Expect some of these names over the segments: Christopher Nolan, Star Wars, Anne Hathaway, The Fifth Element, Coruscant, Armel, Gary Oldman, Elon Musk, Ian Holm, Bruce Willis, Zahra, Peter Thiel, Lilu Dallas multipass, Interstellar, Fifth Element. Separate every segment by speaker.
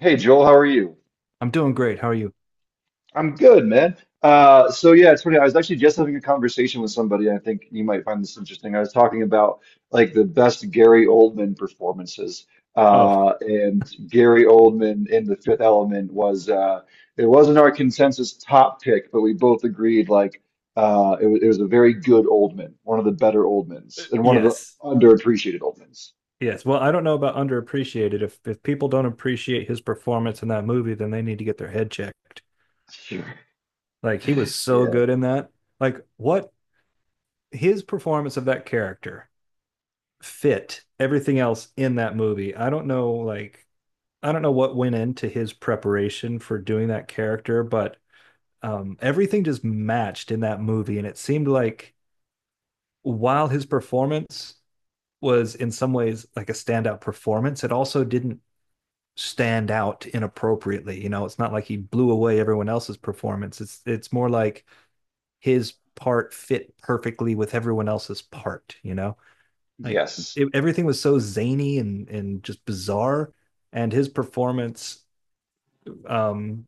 Speaker 1: Hey Joel, how are you?
Speaker 2: I'm doing great. How are you?
Speaker 1: I'm good, man. So yeah, it's funny. I was actually just having a conversation with somebody. I think you might find this interesting. I was talking about like the best Gary Oldman performances,
Speaker 2: Oh,
Speaker 1: and Gary Oldman in The Fifth Element was it wasn't our consensus top pick, but we both agreed like it was a very good Oldman, one of the better Oldmans, and one of the
Speaker 2: yes.
Speaker 1: underappreciated Oldmans.
Speaker 2: Yes. Well, I don't know about underappreciated. If people don't appreciate his performance in that movie, then they need to get their head checked.
Speaker 1: Sure.
Speaker 2: Like he was so
Speaker 1: Yeah.
Speaker 2: good in that. Like what his performance of that character fit everything else in that movie. I don't know, like, I don't know what went into his preparation for doing that character, but everything just matched in that movie, and it seemed like while his performance was in some ways like a standout performance. It also didn't stand out inappropriately. It's not like he blew away everyone else's performance. It's more like his part fit perfectly with everyone else's part. Like
Speaker 1: Yes.
Speaker 2: it, everything was so zany and just bizarre, and his performance um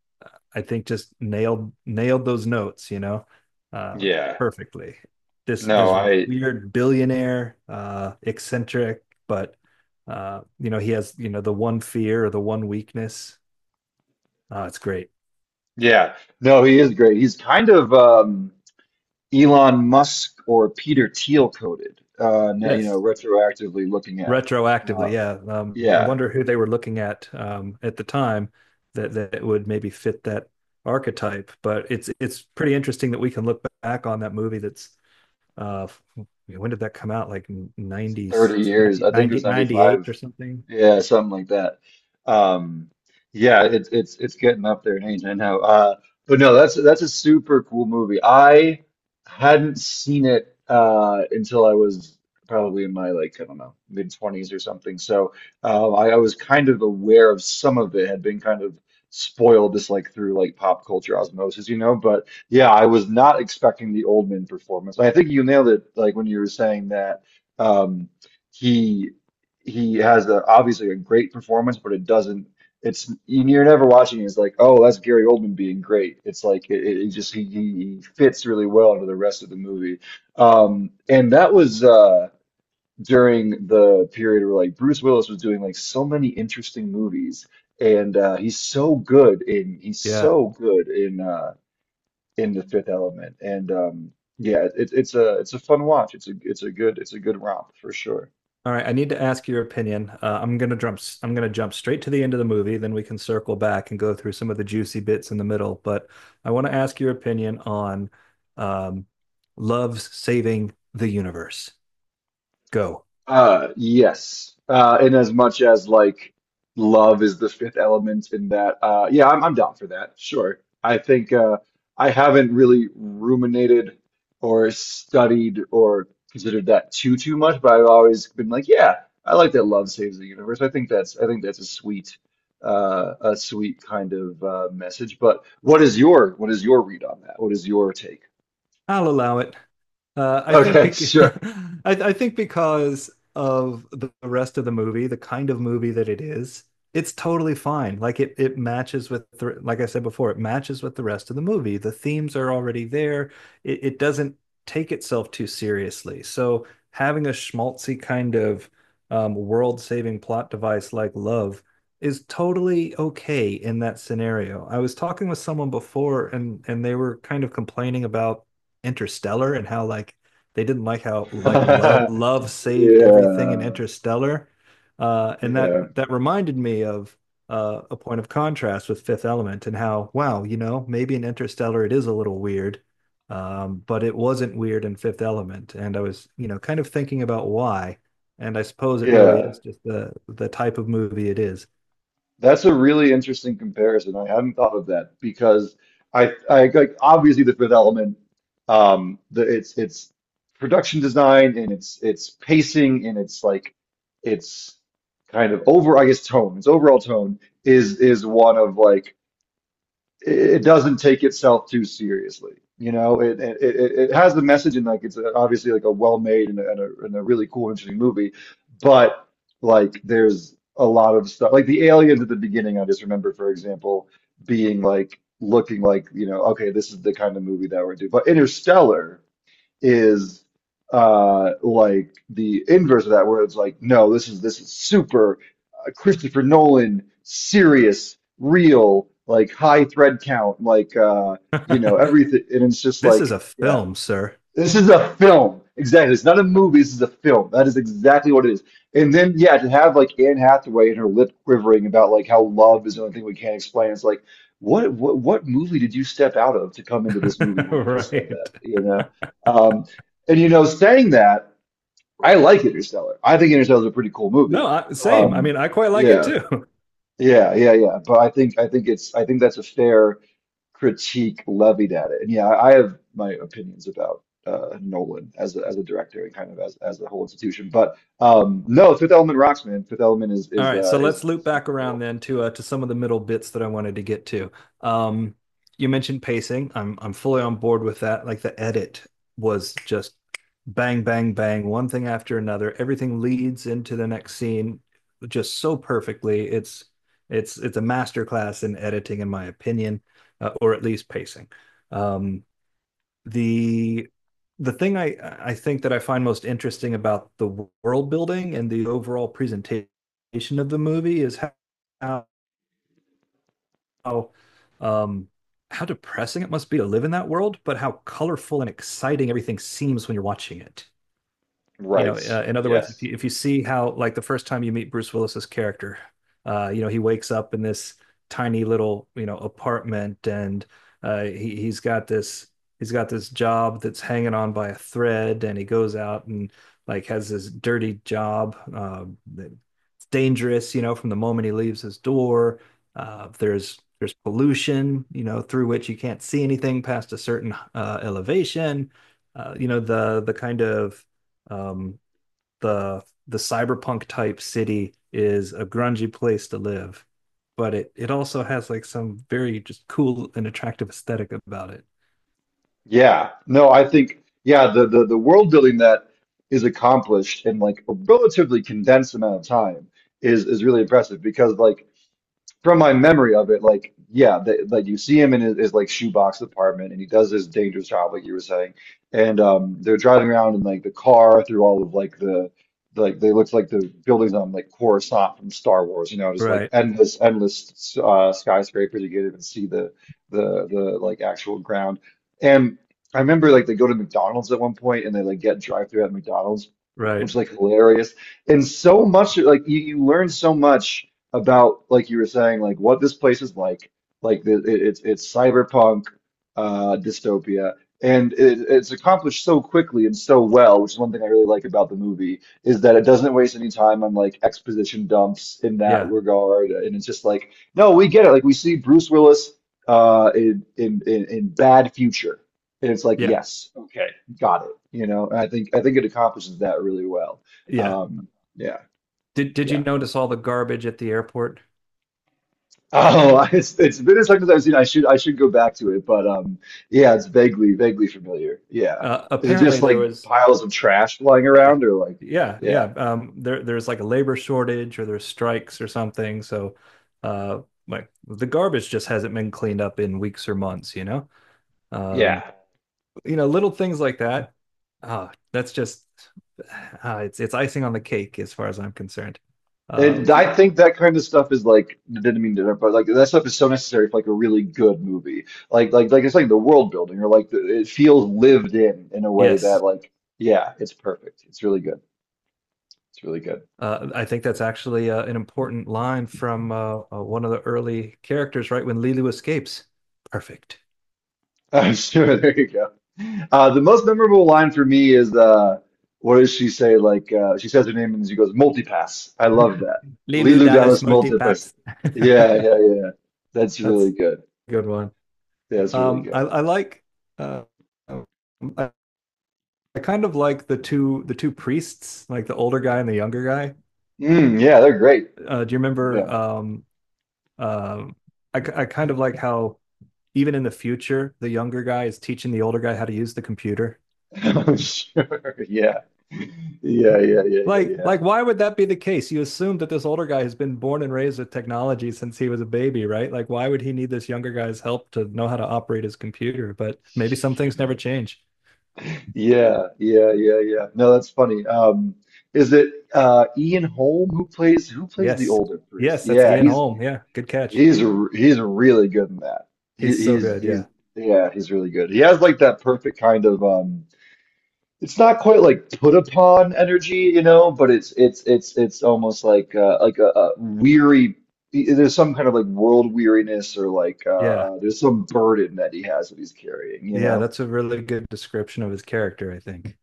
Speaker 2: I think just nailed those notes, uh,
Speaker 1: Yeah.
Speaker 2: perfectly. This
Speaker 1: No,
Speaker 2: this
Speaker 1: I.
Speaker 2: weird billionaire, eccentric, but he has, the one fear or the one weakness. It's great.
Speaker 1: Yeah, no, he is great. He's kind of Elon Musk or Peter Thiel coded. Now, you know,
Speaker 2: Yes,
Speaker 1: retroactively looking at, uh,
Speaker 2: retroactively, yeah. I
Speaker 1: yeah,
Speaker 2: wonder who they were looking at, at the time that would maybe fit that archetype. But it's pretty interesting that we can look back on that movie that's uh when did that come out, like 90,
Speaker 1: 30 years.
Speaker 2: ninety,
Speaker 1: I think it
Speaker 2: 90,
Speaker 1: was
Speaker 2: 98
Speaker 1: 95.
Speaker 2: or something.
Speaker 1: Yeah, something like that. Um, yeah, it's getting up there in age, I know. But no, that's a super cool movie. I hadn't seen it until I was probably in my like I don't know mid twenties or something. So I was kind of aware of some of it had been kind of spoiled just like through like pop culture osmosis. But yeah, I was not expecting the Oldman performance. I think you nailed it, like when you were saying that. Um, he he has a, obviously a great performance, but it doesn't. It's you're never watching. It's like, oh, that's Gary Oldman being great. It's like it, just he fits really well into the rest of the movie. And that was during the period where like Bruce Willis was doing like so many interesting movies, and he's
Speaker 2: Yeah.
Speaker 1: so good in The Fifth Element. And yeah, it's a fun watch. It's a good romp for sure.
Speaker 2: All right, I need to ask your opinion. I'm gonna jump straight to the end of the movie, then we can circle back and go through some of the juicy bits in the middle, but I want to ask your opinion on um, love's saving the universe. Go.
Speaker 1: Yes. In as much as like love is the fifth element in that, yeah, I'm down for that. Sure. I think I haven't really ruminated or studied or considered that too much, but I've always been like, yeah, I like that love saves the universe. I think that's a sweet kind of message. But what is your read on that? What is your take?
Speaker 2: I'll allow it. I think
Speaker 1: Okay,
Speaker 2: bec
Speaker 1: sure.
Speaker 2: I think because of the rest of the movie, the kind of movie that it is, it's totally fine. Like it matches like I said before, it matches with the rest of the movie. The themes are already there. It doesn't take itself too seriously. So having a schmaltzy kind of world-saving plot device like Love is totally okay in that scenario. I was talking with someone before, and they were kind of complaining about Interstellar and how, like, they didn't like how, like, love love saved everything in
Speaker 1: Yeah.
Speaker 2: Interstellar. And that
Speaker 1: Yeah.
Speaker 2: that reminded me of a point of contrast with Fifth Element, and how, wow, maybe in Interstellar it is a little weird, but it wasn't weird in Fifth Element. And I was, kind of thinking about why. And I suppose it really
Speaker 1: Yeah,
Speaker 2: is just the type of movie it is.
Speaker 1: that's a really interesting comparison. I hadn't thought of that because I like obviously the Fifth Element, the it's production design and it's pacing and it's like it's kind of over, I guess, its overall tone is one of like it doesn't take itself too seriously. You know, it has the message and like it's obviously like a well-made and a really cool, interesting movie, but like there's a lot of stuff like the aliens at the beginning. I just remember, for example, being like looking like okay, this is the kind of movie that we're doing. But Interstellar is like the inverse of that where it's like no this is super Christopher Nolan serious real like high thread count like everything and it's just
Speaker 2: This is
Speaker 1: like
Speaker 2: a
Speaker 1: yeah
Speaker 2: film, sir.
Speaker 1: this is a film. Exactly. It's not a movie. This is a film. That is exactly what it is. And then, yeah, to have like Anne Hathaway and her lip quivering about like how love is the only thing we can't explain. It's like, what movie did you step out of to come into this movie when you just said that?
Speaker 2: Right.
Speaker 1: You know? Um, and you know, saying that, I like Interstellar. I think Interstellar is a pretty cool movie.
Speaker 2: No, same. I
Speaker 1: Um,
Speaker 2: mean, I quite like it
Speaker 1: yeah,
Speaker 2: too.
Speaker 1: yeah, yeah, yeah. But I think that's a fair critique levied at it. And yeah, I have my opinions about Nolan as a director and kind of as the whole institution. But no, Fifth Element rocks, man. Fifth Element is
Speaker 2: All
Speaker 1: is
Speaker 2: right,
Speaker 1: uh,
Speaker 2: so
Speaker 1: is,
Speaker 2: let's loop
Speaker 1: is
Speaker 2: back
Speaker 1: super
Speaker 2: around
Speaker 1: cool.
Speaker 2: then to some of the middle bits that I wanted to get to. Um, you mentioned pacing. I'm fully on board with that. Like the edit was just bang, bang, bang, one thing after another. Everything leads into the next scene just so perfectly. It's a masterclass in editing, in my opinion, or at least pacing. Um, the the thing I think that I find most interesting about the world building and the overall presentation of the movie is how, how um how depressing it must be to live in that world, but how colorful and exciting everything seems when you're watching it.
Speaker 1: Right.
Speaker 2: In other words, if
Speaker 1: Yes.
Speaker 2: you if you see how, like, the first time you meet Bruce Willis's character, he wakes up in this tiny little, apartment, and uh, he he's got this he's got this job that's hanging on by a thread, and he goes out and, like, has this dirty job that's dangerous, from the moment he leaves his door. There's pollution, through which you can't see anything past a certain elevation. You know, the kind of um, the the cyberpunk type city is a grungy place to live, but it also has like some very just cool and attractive aesthetic about it.
Speaker 1: Yeah. No, I think yeah, the world building that is accomplished in like a relatively condensed amount of time is really impressive because like from my memory of it, like yeah, they, like you see him in his like shoebox apartment, and he does this dangerous job, like you were saying. And they're driving around in like the car through all of like the like they looked like the buildings on like Coruscant from Star Wars, you know, just like
Speaker 2: Right,
Speaker 1: endless, endless skyscrapers. You can't even see the the like actual ground. And I remember like they go to McDonald's at one point, and they like get drive through at McDonald's, which
Speaker 2: right.
Speaker 1: is like hilarious. And so much like you learn so much about like you were saying like what this place is like the, it, it's cyberpunk dystopia and it's accomplished so quickly and so well which is one thing I really like about the movie is that it doesn't waste any time on like exposition dumps in that
Speaker 2: Yeah,
Speaker 1: regard and it's just like no we get it like we see Bruce Willis in bad future and it's like
Speaker 2: yeah,
Speaker 1: yes got it you know and I think it accomplishes that really well
Speaker 2: yeah.
Speaker 1: um yeah
Speaker 2: Did you
Speaker 1: yeah.
Speaker 2: notice all the garbage at the airport?
Speaker 1: Oh, it's been as long as I've seen. I should go back to it, but yeah, it's vaguely familiar. Yeah, is it
Speaker 2: Apparently
Speaker 1: just
Speaker 2: there
Speaker 1: like
Speaker 2: was
Speaker 1: piles of trash flying
Speaker 2: yeah,
Speaker 1: around, or like,
Speaker 2: yeah, yeah.
Speaker 1: yeah,
Speaker 2: There's like a labor shortage or there's strikes or something. So, uh, like the garbage just hasn't been cleaned up in weeks or months, you know? Um,
Speaker 1: yeah.
Speaker 2: Little things like that. That's just it's icing on the cake as far as I'm concerned.
Speaker 1: And
Speaker 2: Okay.
Speaker 1: I think that kind of stuff is like didn't mean to, interrupt, but like that stuff is so necessary for like a really good movie. Like it's like the world building, or like the, it feels lived in a way that
Speaker 2: Yes,
Speaker 1: like yeah, it's perfect. It's really good. It's really good.
Speaker 2: I think that's actually an important line from one of the early characters, right when Lilu escapes. Perfect.
Speaker 1: Oh, sure. There you go. The most memorable line for me is what does she say? Like she says her name and she goes multipass. I love that.
Speaker 2: Lilu
Speaker 1: Lilu
Speaker 2: Dallas
Speaker 1: Dallas multipass.
Speaker 2: multipass.
Speaker 1: Yeah, yeah, yeah. That's really
Speaker 2: That's
Speaker 1: good.
Speaker 2: a good one.
Speaker 1: That's really
Speaker 2: Um, I,
Speaker 1: good.
Speaker 2: I like. Uh, um, I, I kind of like the two priests, like the older guy and the younger guy.
Speaker 1: Mm, yeah, they're great.
Speaker 2: Do you remember?
Speaker 1: Yeah.
Speaker 2: Um, Um, I I kind of like how even in the future, the younger guy is teaching the older guy how to use the computer.
Speaker 1: I'm sure. Yeah. Yeah, yeah, yeah, yeah, yeah.
Speaker 2: Like, why would that be the case? You assume that this older guy has been born and raised with technology since he was a baby, right? Like, why would he need this younger guy's help to know how to operate his computer? But maybe some things never change.
Speaker 1: Yeah, yeah, yeah, yeah. No, that's funny. Is it Ian Holm who plays the
Speaker 2: Yes.
Speaker 1: older priest?
Speaker 2: Yes, that's
Speaker 1: Yeah,
Speaker 2: Ian
Speaker 1: he's.
Speaker 2: Holm. Yeah, good catch.
Speaker 1: He's really good in that. He,
Speaker 2: He's so
Speaker 1: he's
Speaker 2: good.
Speaker 1: he's
Speaker 2: Yeah.
Speaker 1: yeah, he's really good. He has like that perfect kind of it's not quite like put upon energy, you know, but it's almost like a weary there's some kind of like world weariness or like
Speaker 2: Yeah.
Speaker 1: there's some burden that he has that he's carrying, you
Speaker 2: Yeah,
Speaker 1: know.
Speaker 2: that's a really good description of his character, I think.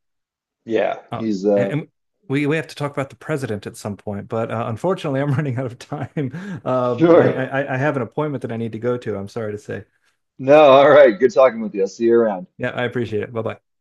Speaker 1: Yeah,
Speaker 2: Uh,
Speaker 1: he's
Speaker 2: and, and we have to talk about the president at some point, but unfortunately, I'm running out of time. Uh, I,
Speaker 1: sure.
Speaker 2: I I have an appointment that I need to go to. I'm sorry to say.
Speaker 1: No, all right. Good talking with you. I'll see you around.
Speaker 2: Yeah, I appreciate it. Bye bye.